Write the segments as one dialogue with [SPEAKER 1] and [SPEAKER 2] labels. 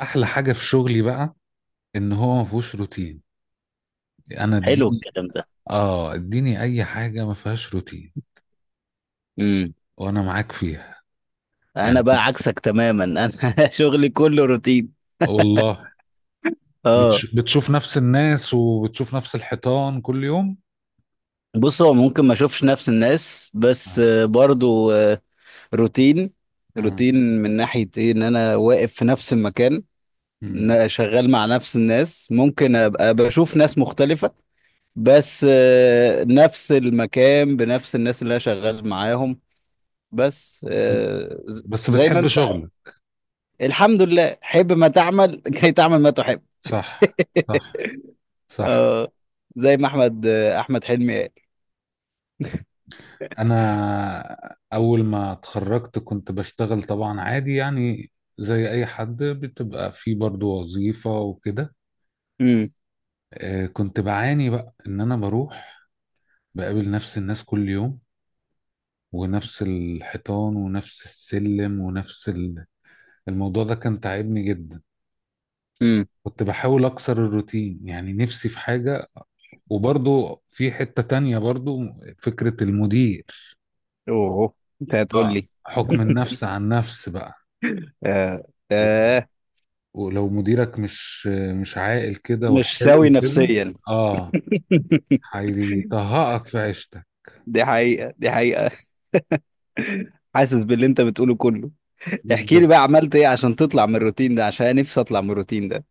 [SPEAKER 1] احلى حاجه في شغلي بقى ان هو ما فيهوش روتين. انا
[SPEAKER 2] حلو
[SPEAKER 1] اديني،
[SPEAKER 2] الكلام ده.
[SPEAKER 1] اه اديني اي حاجه ما فيهاش روتين
[SPEAKER 2] امم
[SPEAKER 1] وانا معاك فيها
[SPEAKER 2] انا
[SPEAKER 1] يعني.
[SPEAKER 2] بقى عكسك تماما انا. شغلي كله روتين.
[SPEAKER 1] والله
[SPEAKER 2] اه.
[SPEAKER 1] بتشوف نفس الناس وبتشوف نفس الحيطان كل يوم.
[SPEAKER 2] بص، هو ممكن ما اشوفش نفس الناس، بس
[SPEAKER 1] آه.
[SPEAKER 2] برضو روتين.
[SPEAKER 1] آه.
[SPEAKER 2] روتين من ناحية ايه، ان انا واقف في نفس المكان، إن
[SPEAKER 1] مم.
[SPEAKER 2] أنا شغال مع نفس الناس. ممكن ابقى بشوف ناس مختلفة، بس نفس المكان بنفس الناس اللي انا شغال معاهم. بس
[SPEAKER 1] بس
[SPEAKER 2] زي ما
[SPEAKER 1] بتحب
[SPEAKER 2] انت.
[SPEAKER 1] شغلك.
[SPEAKER 2] الحمد لله، حب ما تعمل كي تعمل ما تحب.
[SPEAKER 1] صح، صح، صح.
[SPEAKER 2] اه، زي ما احمد حلمي قال.
[SPEAKER 1] انا اول ما اتخرجت كنت بشتغل طبعا عادي يعني، زي اي حد بتبقى في برضو وظيفة وكده.
[SPEAKER 2] امم
[SPEAKER 1] كنت بعاني بقى ان انا بروح بقابل نفس الناس كل يوم، ونفس الحيطان ونفس السلم ونفس الموضوع ده كان تعبني جدا.
[SPEAKER 2] امم
[SPEAKER 1] كنت بحاول اكسر الروتين يعني، نفسي في حاجة. وبرضو في حتة تانية برضو فكرة المدير.
[SPEAKER 2] اوه، انت هتقول
[SPEAKER 1] اه،
[SPEAKER 2] لي.
[SPEAKER 1] حكم النفس عن نفس بقى.
[SPEAKER 2] آه.
[SPEAKER 1] و-
[SPEAKER 2] آه.
[SPEAKER 1] ولو مديرك مش عاقل كده
[SPEAKER 2] مش سوي
[SPEAKER 1] وحلو كده،
[SPEAKER 2] نفسيا.
[SPEAKER 1] اه، هيطهقك في عيشتك.
[SPEAKER 2] دي حقيقة، دي حقيقة. حاسس باللي انت بتقوله كله. احكي لي
[SPEAKER 1] بالظبط.
[SPEAKER 2] بقى، عملت ايه عشان تطلع من الروتين ده؟ عشان أنا نفسي اطلع من الروتين ده.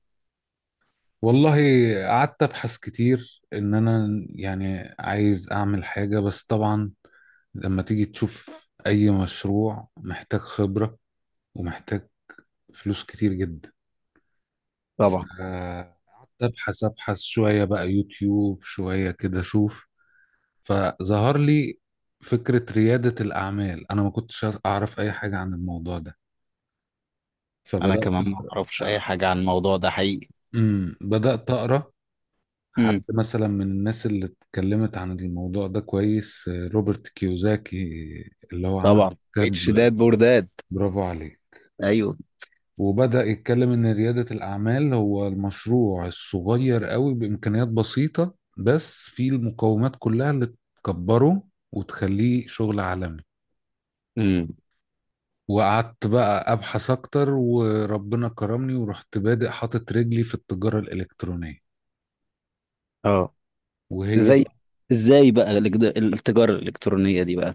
[SPEAKER 1] والله، قعدت ابحث كتير ان انا يعني عايز اعمل حاجة. بس طبعا لما تيجي تشوف، اي مشروع محتاج خبرة ومحتاج فلوس كتير جدا.
[SPEAKER 2] طبعا
[SPEAKER 1] قعدت ابحث شوية بقى، يوتيوب شوية كده اشوف، فظهر لي فكرة ريادة الاعمال. انا ما كنتش اعرف اي حاجة عن الموضوع ده،
[SPEAKER 2] انا
[SPEAKER 1] فبدأت
[SPEAKER 2] كمان ما
[SPEAKER 1] اقرا.
[SPEAKER 2] اعرفش اي
[SPEAKER 1] آه،
[SPEAKER 2] حاجه عن الموضوع ده حقيقي.
[SPEAKER 1] أمم، بدأت اقرا
[SPEAKER 2] امم
[SPEAKER 1] حد مثلا من الناس اللي اتكلمت عن الموضوع ده كويس، روبرت كيوزاكي، اللي هو عمل
[SPEAKER 2] طبعا،
[SPEAKER 1] كتاب،
[SPEAKER 2] اتش داد بورداد.
[SPEAKER 1] برافو عليه.
[SPEAKER 2] ايوه.
[SPEAKER 1] وبدأ يتكلم إن ريادة الأعمال هو المشروع الصغير قوي بإمكانيات بسيطة، بس فيه المقومات كلها اللي تكبره وتخليه شغل عالمي.
[SPEAKER 2] امم
[SPEAKER 1] وقعدت بقى أبحث أكتر، وربنا كرمني ورحت بادئ حاطط رجلي في التجارة الإلكترونية.
[SPEAKER 2] اه.
[SPEAKER 1] وهي
[SPEAKER 2] زي، ازاي بقى التجاره الالكترونيه دي بقى؟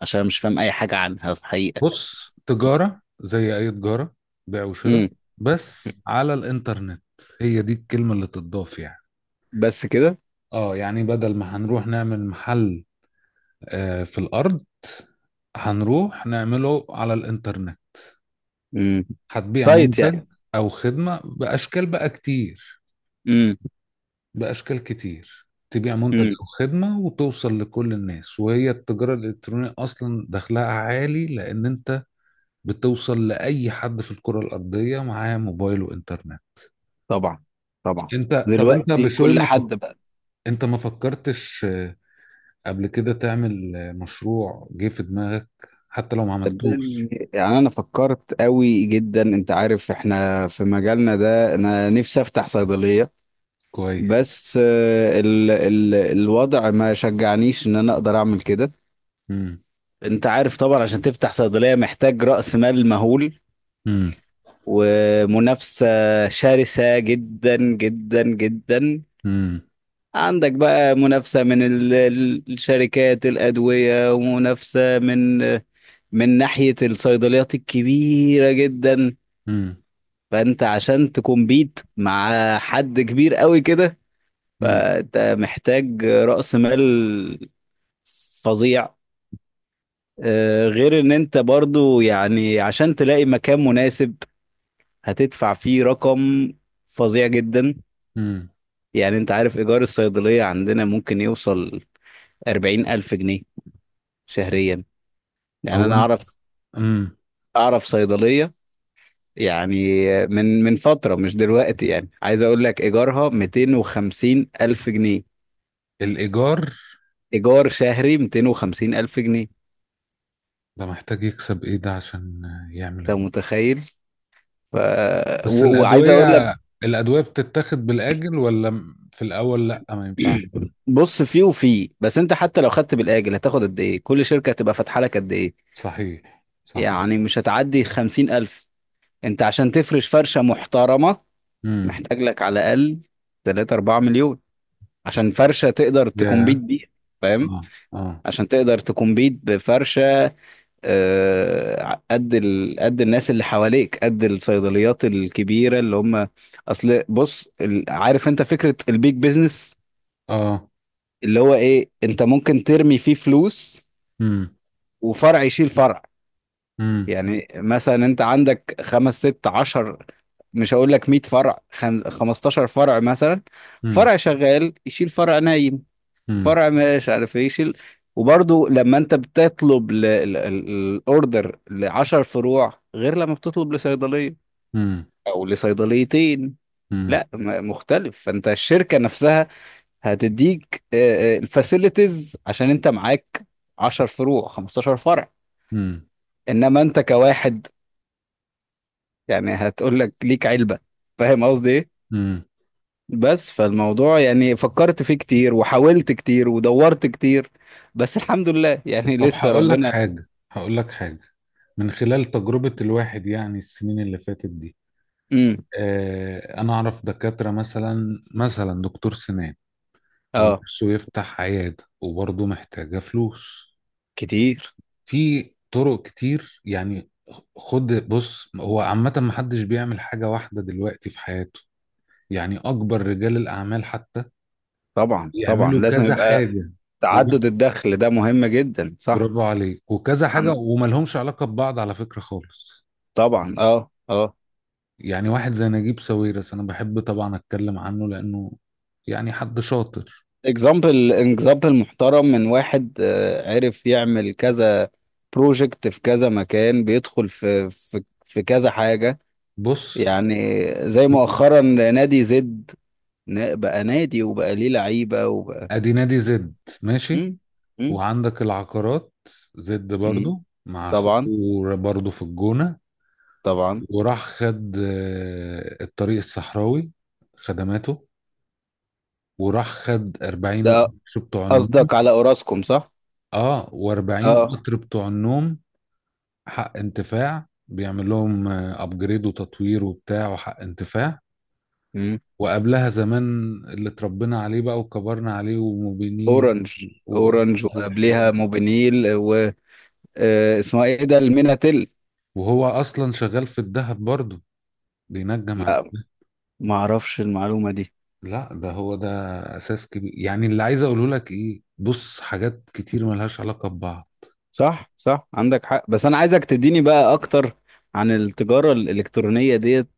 [SPEAKER 2] عشان مش فاهم اي حاجه عنها في الحقيقه.
[SPEAKER 1] بص، تجارة زي أي تجارة، بيع وشراء بس على الإنترنت، هي دي الكلمة اللي تضاف يعني.
[SPEAKER 2] بس كده؟
[SPEAKER 1] اه يعني بدل ما هنروح نعمل محل، آه، في الأرض، هنروح نعمله على الإنترنت.
[SPEAKER 2] امم
[SPEAKER 1] هتبيع
[SPEAKER 2] سايت يعني؟
[SPEAKER 1] منتج أو خدمة بأشكال بقى كتير،
[SPEAKER 2] امم
[SPEAKER 1] بأشكال كتير تبيع منتج
[SPEAKER 2] امم
[SPEAKER 1] أو خدمة وتوصل لكل الناس، وهي التجارة الإلكترونية أصلا دخلها عالي لأن أنت بتوصل لأي حد في الكرة الأرضية معاه موبايل وإنترنت.
[SPEAKER 2] طبعا، طبعا.
[SPEAKER 1] انت، طب انت
[SPEAKER 2] دلوقتي
[SPEAKER 1] بشوي
[SPEAKER 2] كل
[SPEAKER 1] ما فك...
[SPEAKER 2] حد بقى.
[SPEAKER 1] انت ما فكرتش، قبل كده تعمل، مشروع جه في دماغك حتى لو ما عملتوش؟
[SPEAKER 2] صدقني، يعني انا فكرت قوي جدا، انت عارف احنا في مجالنا ده انا نفسي افتح صيدلية.
[SPEAKER 1] كويس.
[SPEAKER 2] بس ال الوضع ما شجعنيش ان انا اقدر اعمل كده.
[SPEAKER 1] امم.
[SPEAKER 2] انت عارف طبعا، عشان تفتح صيدلية محتاج رأس مال مهول
[SPEAKER 1] امم.
[SPEAKER 2] ومنافسة شرسة جدا جدا جدا.
[SPEAKER 1] امم.
[SPEAKER 2] عندك بقى منافسة من الشركات الأدوية، ومنافسة من ناحية الصيدليات الكبيرة جدا.
[SPEAKER 1] امم.
[SPEAKER 2] فأنت عشان تكمبيت مع حد كبير قوي كده،
[SPEAKER 1] امم.
[SPEAKER 2] فأنت محتاج رأس مال فظيع. غير إن أنت برضو يعني عشان تلاقي مكان مناسب هتدفع فيه رقم فظيع جدا.
[SPEAKER 1] امم.
[SPEAKER 2] يعني أنت عارف إيجار الصيدلية عندنا ممكن يوصل 40,000 جنيه شهريا. يعني
[SPEAKER 1] هو
[SPEAKER 2] انا
[SPEAKER 1] انا، امم.
[SPEAKER 2] اعرف صيدليه، يعني من فتره، مش دلوقتي، يعني عايز اقول لك ايجارها 250 الف جنيه.
[SPEAKER 1] الايجار
[SPEAKER 2] ايجار شهري 250 الف جنيه.
[SPEAKER 1] ده محتاج يكسب ايه ده عشان يعمل
[SPEAKER 2] انت متخيل؟ ف...
[SPEAKER 1] بس
[SPEAKER 2] وعايز اقول
[SPEAKER 1] الادويه،
[SPEAKER 2] لك،
[SPEAKER 1] الادويه بتتاخد بالاجل ولا في الاول لا ما ينفعش.
[SPEAKER 2] بص، فيه وفيه، بس انت حتى لو خدت بالاجل، هتاخد قد ايه؟ كل شركه هتبقى فاتحه لك قد ايه؟
[SPEAKER 1] صحيح، صحيح.
[SPEAKER 2] يعني مش هتعدي 50 الف. انت عشان تفرش فرشه محترمه
[SPEAKER 1] امم.
[SPEAKER 2] محتاج لك على الاقل 3 4 مليون، عشان فرشه تقدر
[SPEAKER 1] يا.
[SPEAKER 2] تكمبيت بيها. فاهم،
[SPEAKER 1] اه اه.
[SPEAKER 2] عشان تقدر تكمبيت بفرشة. قد قد الناس اللي حواليك، قد الصيدليات الكبيرة اللي هم. اصل بص، عارف انت فكرة البيج بيزنس،
[SPEAKER 1] اه.
[SPEAKER 2] اللي هو ايه؟ انت ممكن ترمي فيه فلوس
[SPEAKER 1] امم.
[SPEAKER 2] وفرع يشيل فرع.
[SPEAKER 1] امم.
[SPEAKER 2] يعني مثلا انت عندك خمس ست عشر، مش هقول لك 100 فرع، 15 فرع مثلا. فرع شغال يشيل فرع نايم،
[SPEAKER 1] امم.
[SPEAKER 2] فرع مش عارف ايه، شيل. وبرضه لما انت بتطلب الاوردر لعشر فروع، غير لما بتطلب لصيدليه
[SPEAKER 1] امم.
[SPEAKER 2] او لصيدليتين،
[SPEAKER 1] امم.
[SPEAKER 2] لا مختلف. فانت الشركه نفسها هتديك الفاسيلتيز عشان انت معاك 10 فروع، 15 فرع.
[SPEAKER 1] امم.
[SPEAKER 2] انما انت كواحد، يعني هتقول لك ليك علبه. فاهم قصدي ايه؟
[SPEAKER 1] امم.
[SPEAKER 2] بس فالموضوع يعني فكرت فيه كتير وحاولت كتير ودورت كتير، بس الحمد لله يعني
[SPEAKER 1] طب
[SPEAKER 2] لسه
[SPEAKER 1] هقول لك
[SPEAKER 2] ربنا.
[SPEAKER 1] حاجة، هقول لك حاجة من خلال تجربة الواحد يعني السنين اللي فاتت دي.
[SPEAKER 2] مم.
[SPEAKER 1] آه، أنا أعرف دكاترة مثلا، مثلا دكتور سنان،
[SPEAKER 2] اه،
[SPEAKER 1] ونفسه يفتح عيادة وبرضه محتاجة فلوس.
[SPEAKER 2] كتير.
[SPEAKER 1] في طرق كتير يعني. خد بص، هو عامة محدش بيعمل حاجة واحدة دلوقتي في حياته. يعني أكبر رجال الأعمال حتى
[SPEAKER 2] طبعا، طبعا،
[SPEAKER 1] يعملوا
[SPEAKER 2] لازم
[SPEAKER 1] كذا
[SPEAKER 2] يبقى
[SPEAKER 1] حاجة. و-
[SPEAKER 2] تعدد الدخل ده مهم جدا. صح.
[SPEAKER 1] برافو عليك، وكذا حاجة
[SPEAKER 2] عن،
[SPEAKER 1] وما لهمش علاقة ببعض على فكرة خالص.
[SPEAKER 2] طبعا. اه، اه.
[SPEAKER 1] يعني واحد زي نجيب ساويرس، أنا بحب طبعا أتكلم عنه لأنه يعني حد شاطر.
[SPEAKER 2] اكزامبل محترم، من واحد عرف يعمل كذا بروجكت في كذا مكان، بيدخل في كذا حاجة.
[SPEAKER 1] بص،
[SPEAKER 2] يعني زي مؤخرا نادي زد، بقى نادي وبقى ليه لعيبة وبقى.
[SPEAKER 1] أدي نادي زد، ماشي،
[SPEAKER 2] مم. مم.
[SPEAKER 1] وعندك العقارات، زد
[SPEAKER 2] مم.
[SPEAKER 1] برضو مع أخوه،
[SPEAKER 2] طبعا.
[SPEAKER 1] برضو في الجونة.
[SPEAKER 2] طبعا.
[SPEAKER 1] وراح خد، الطريق الصحراوي خدماته، وراح خد 40
[SPEAKER 2] ده
[SPEAKER 1] القطر بتوع النوم،
[SPEAKER 2] قصدك على اوراسكوم، صح؟
[SPEAKER 1] اه و40
[SPEAKER 2] اه.
[SPEAKER 1] قطر بتوع النوم، حق انتفاع، بيعمل لهم ابجريد وتطوير وبتاع، وحق انتفاع. وقبلها زمان اللي اتربينا عليه بقى وكبرنا عليه، وموبينيل
[SPEAKER 2] اورنج،
[SPEAKER 1] وقطر
[SPEAKER 2] اورنج،
[SPEAKER 1] والحاجات
[SPEAKER 2] وقبليها
[SPEAKER 1] دي.
[SPEAKER 2] موبينيل و اسمها ايه ده، الميناتيل.
[SPEAKER 1] وهو اصلا شغال في الذهب برضه، بينجم على،
[SPEAKER 2] لا، ما اعرفش المعلومه دي.
[SPEAKER 1] لا ده هو ده اساس كبير. يعني اللي عايز اقوله لك ايه، بص، حاجات كتير ملهاش علاقة ببعض.
[SPEAKER 2] صح، صح، عندك حق. بس انا عايزك تديني بقى اكتر عن التجاره الالكترونيه ديت.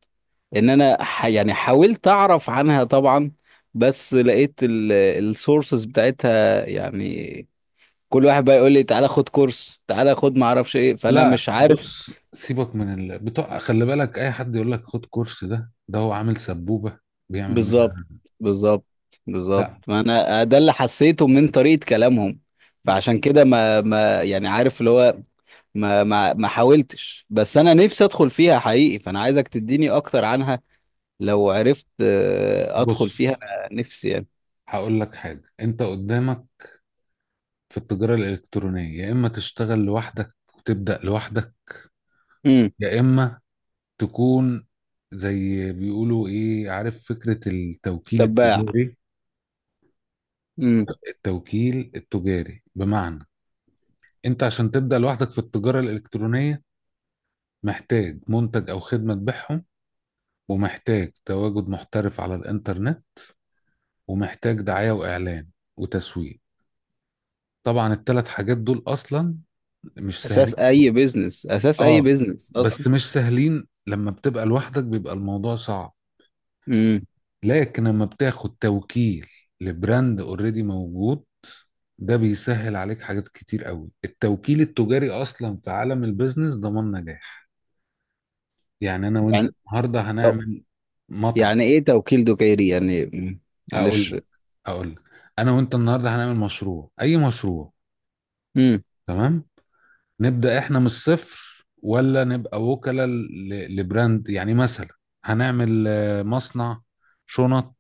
[SPEAKER 2] ان انا يعني حاولت اعرف عنها طبعا، بس لقيت السورسز بتاعتها يعني كل واحد بقى يقول لي تعالى خد كورس، تعالى خد ما اعرفش ايه. فانا
[SPEAKER 1] لا
[SPEAKER 2] مش عارف.
[SPEAKER 1] بص، سيبك من بتوع، خلي بالك، اي حد يقول لك خد كورس، ده ده هو عامل سبوبة بيعمل
[SPEAKER 2] بالظبط،
[SPEAKER 1] منها.
[SPEAKER 2] بالظبط، بالظبط.
[SPEAKER 1] لا
[SPEAKER 2] ما انا ده اللي حسيته من طريقة كلامهم. فعشان كده ما يعني، عارف اللي هو، ما حاولتش، بس انا نفسي ادخل فيها حقيقي. فانا عايزك تديني اكتر عنها، لو عرفت ادخل فيها
[SPEAKER 1] بص،
[SPEAKER 2] انا نفسي يعني.
[SPEAKER 1] هقول لك حاجة. انت قدامك في التجارة الإلكترونية يا إما تشتغل لوحدك وتبدأ لوحدك،
[SPEAKER 2] امم
[SPEAKER 1] يا إما تكون زي بيقولوا إيه، عارف فكرة التوكيل
[SPEAKER 2] تباع.
[SPEAKER 1] التجاري؟
[SPEAKER 2] امم
[SPEAKER 1] التوكيل التجاري بمعنى، انت عشان تبدأ لوحدك في التجارة الإلكترونية محتاج منتج أو خدمة تبيعهم، ومحتاج تواجد محترف على الإنترنت، ومحتاج دعاية وإعلان وتسويق. طبعا الثلاث حاجات دول أصلا مش سهلين.
[SPEAKER 2] اساس اي بيزنس، اساس اي
[SPEAKER 1] اه،
[SPEAKER 2] بيزنس
[SPEAKER 1] بس
[SPEAKER 2] اصلا.
[SPEAKER 1] مش سهلين. لما بتبقى لوحدك بيبقى الموضوع صعب.
[SPEAKER 2] امم
[SPEAKER 1] لكن لما بتاخد توكيل لبراند اوريدي موجود، ده بيسهل عليك حاجات كتير قوي. التوكيل التجاري اصلا في عالم البيزنس ضمان نجاح. يعني انا وانت
[SPEAKER 2] يعني
[SPEAKER 1] النهارده
[SPEAKER 2] طب،
[SPEAKER 1] هنعمل مطعم،
[SPEAKER 2] يعني ايه توكيل دكيري يعني؟ مم.
[SPEAKER 1] اقول
[SPEAKER 2] معلش.
[SPEAKER 1] لك، اقول لك، انا وانت النهارده هنعمل مشروع، اي مشروع،
[SPEAKER 2] امم
[SPEAKER 1] تمام؟ نبدأ احنا من الصفر، ولا نبقى وكلاء لبراند؟ يعني مثلا، هنعمل، مصنع شنط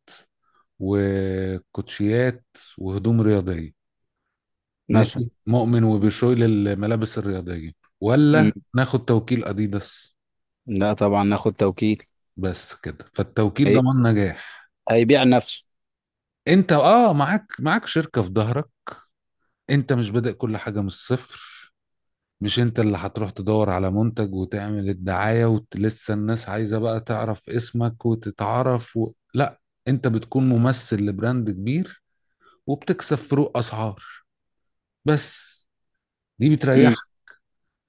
[SPEAKER 1] وكوتشيات وهدوم رياضية،
[SPEAKER 2] مثلا.
[SPEAKER 1] ماشي مؤمن
[SPEAKER 2] مم.
[SPEAKER 1] وبشوي للملابس الرياضية،
[SPEAKER 2] مم.
[SPEAKER 1] ولا ناخد توكيل أديداس؟
[SPEAKER 2] لا طبعا، ناخد توكيل.
[SPEAKER 1] بس كده، فالتوكيل
[SPEAKER 2] إيه؟
[SPEAKER 1] ضمان نجاح.
[SPEAKER 2] هيبيع نفسه.
[SPEAKER 1] انت اه، معاك شركة في ظهرك، انت مش بادئ كل حاجة من الصفر. مش انت اللي هتروح تدور على منتج وتعمل الدعاية ولسه الناس عايزة بقى تعرف اسمك وتتعرف لا، انت بتكون ممثل لبراند كبير، وبتكسب فروق اسعار بس، دي
[SPEAKER 2] امم
[SPEAKER 1] بتريحك.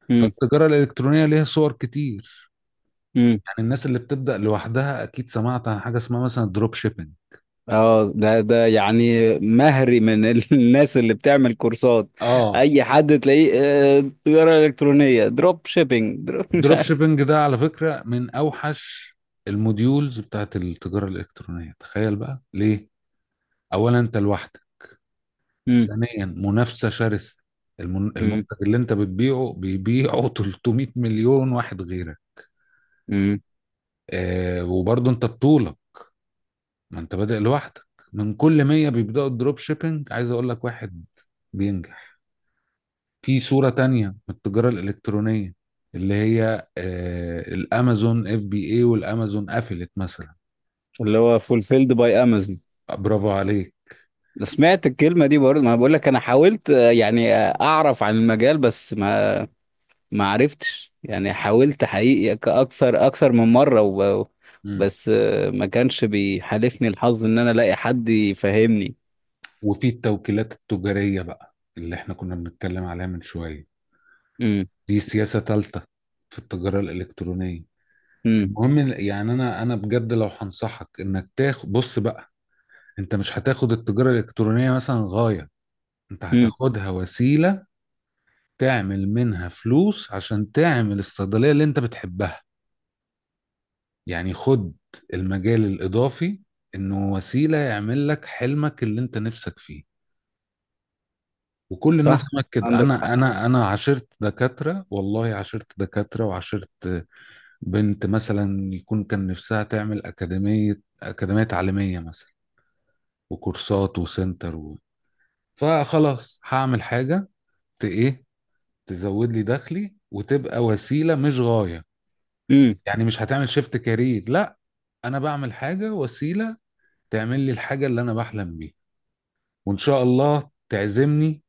[SPEAKER 2] امم
[SPEAKER 1] فالتجارة الإلكترونية ليها صور كتير.
[SPEAKER 2] امم
[SPEAKER 1] يعني الناس اللي بتبدأ لوحدها أكيد سمعت عن حاجة اسمها مثلا دروب شيبينج.
[SPEAKER 2] اه، ده يعني مهري من الناس اللي بتعمل كورسات،
[SPEAKER 1] آه،
[SPEAKER 2] اي حد تلاقيه تجارة الكترونية، دروب شيبينج، دروب مش
[SPEAKER 1] دروب
[SPEAKER 2] عارف.
[SPEAKER 1] شيبينج ده على فكرة من أوحش الموديولز بتاعت التجارة الإلكترونية. تخيل بقى ليه؟ أولا أنت لوحدك،
[SPEAKER 2] امم
[SPEAKER 1] ثانيا منافسة شرسة،
[SPEAKER 2] امم
[SPEAKER 1] المنتج اللي أنت بتبيعه بيبيعه 300 مليون واحد غيرك.
[SPEAKER 2] امم
[SPEAKER 1] آه، وبرضه أنت بطولة، ما أنت بادئ لوحدك. من كل 100 بيبدأوا الدروب شيبينج عايز أقول لك واحد بينجح. في صورة تانية من التجارة الإلكترونية، اللي هي الأمازون اف بي اي، والأمازون قفلت مثلا.
[SPEAKER 2] اللي هو فولفيلد باي امازون.
[SPEAKER 1] برافو عليك.
[SPEAKER 2] سمعت الكلمة دي برضه. ما بقول لك، انا حاولت يعني اعرف عن المجال، بس ما عرفتش يعني. حاولت حقيقي، اكثر من مرة
[SPEAKER 1] مم.
[SPEAKER 2] بس ما كانش بيحالفني الحظ ان انا الاقي حد يفهمني.
[SPEAKER 1] وفي التوكيلات التجارية بقى اللي احنا كنا بنتكلم عليها من شوية،
[SPEAKER 2] امم
[SPEAKER 1] دي سياسة تالتة في التجارة الإلكترونية.
[SPEAKER 2] امم
[SPEAKER 1] المهم يعني، أنا بجد لو هنصحك إنك تاخد، بص بقى، أنت مش هتاخد التجارة الإلكترونية مثلا غاية، أنت
[SPEAKER 2] امم
[SPEAKER 1] هتاخدها وسيلة تعمل منها فلوس عشان تعمل الصيدلية اللي أنت بتحبها. يعني خد المجال الإضافي، إنه وسيلة يعمل لك حلمك اللي أنت نفسك فيه. وكل الناس
[SPEAKER 2] صح،
[SPEAKER 1] هناك كده.
[SPEAKER 2] عندك
[SPEAKER 1] أنا
[SPEAKER 2] حق.
[SPEAKER 1] أنا أنا عاشرت دكاترة، والله عاشرت دكاترة، وعاشرت بنت مثلا يكون كان نفسها تعمل أكاديمية، أكاديمية تعليمية مثلا، وكورسات وسنتر فخلاص هعمل حاجة ت إيه، تزود لي دخلي، وتبقى وسيلة مش غاية.
[SPEAKER 2] امم
[SPEAKER 1] يعني مش هتعمل شيفت كارير، لا، أنا بعمل حاجة وسيلة تعمل لي الحاجة اللي أنا بحلم بيها. وان شاء الله تعزمني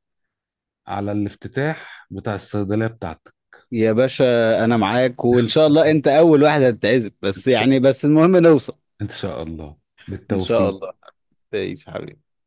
[SPEAKER 1] على الافتتاح بتاع الصيدليه بتاعتك.
[SPEAKER 2] يا باشا، انا معاك. وان شاء الله انت اول واحد هتتعزب،
[SPEAKER 1] ان
[SPEAKER 2] بس
[SPEAKER 1] شاء
[SPEAKER 2] يعني بس المهم نوصل.
[SPEAKER 1] إن شاء الله،
[SPEAKER 2] ان شاء
[SPEAKER 1] بالتوفيق.
[SPEAKER 2] الله. تعيش حبيبي.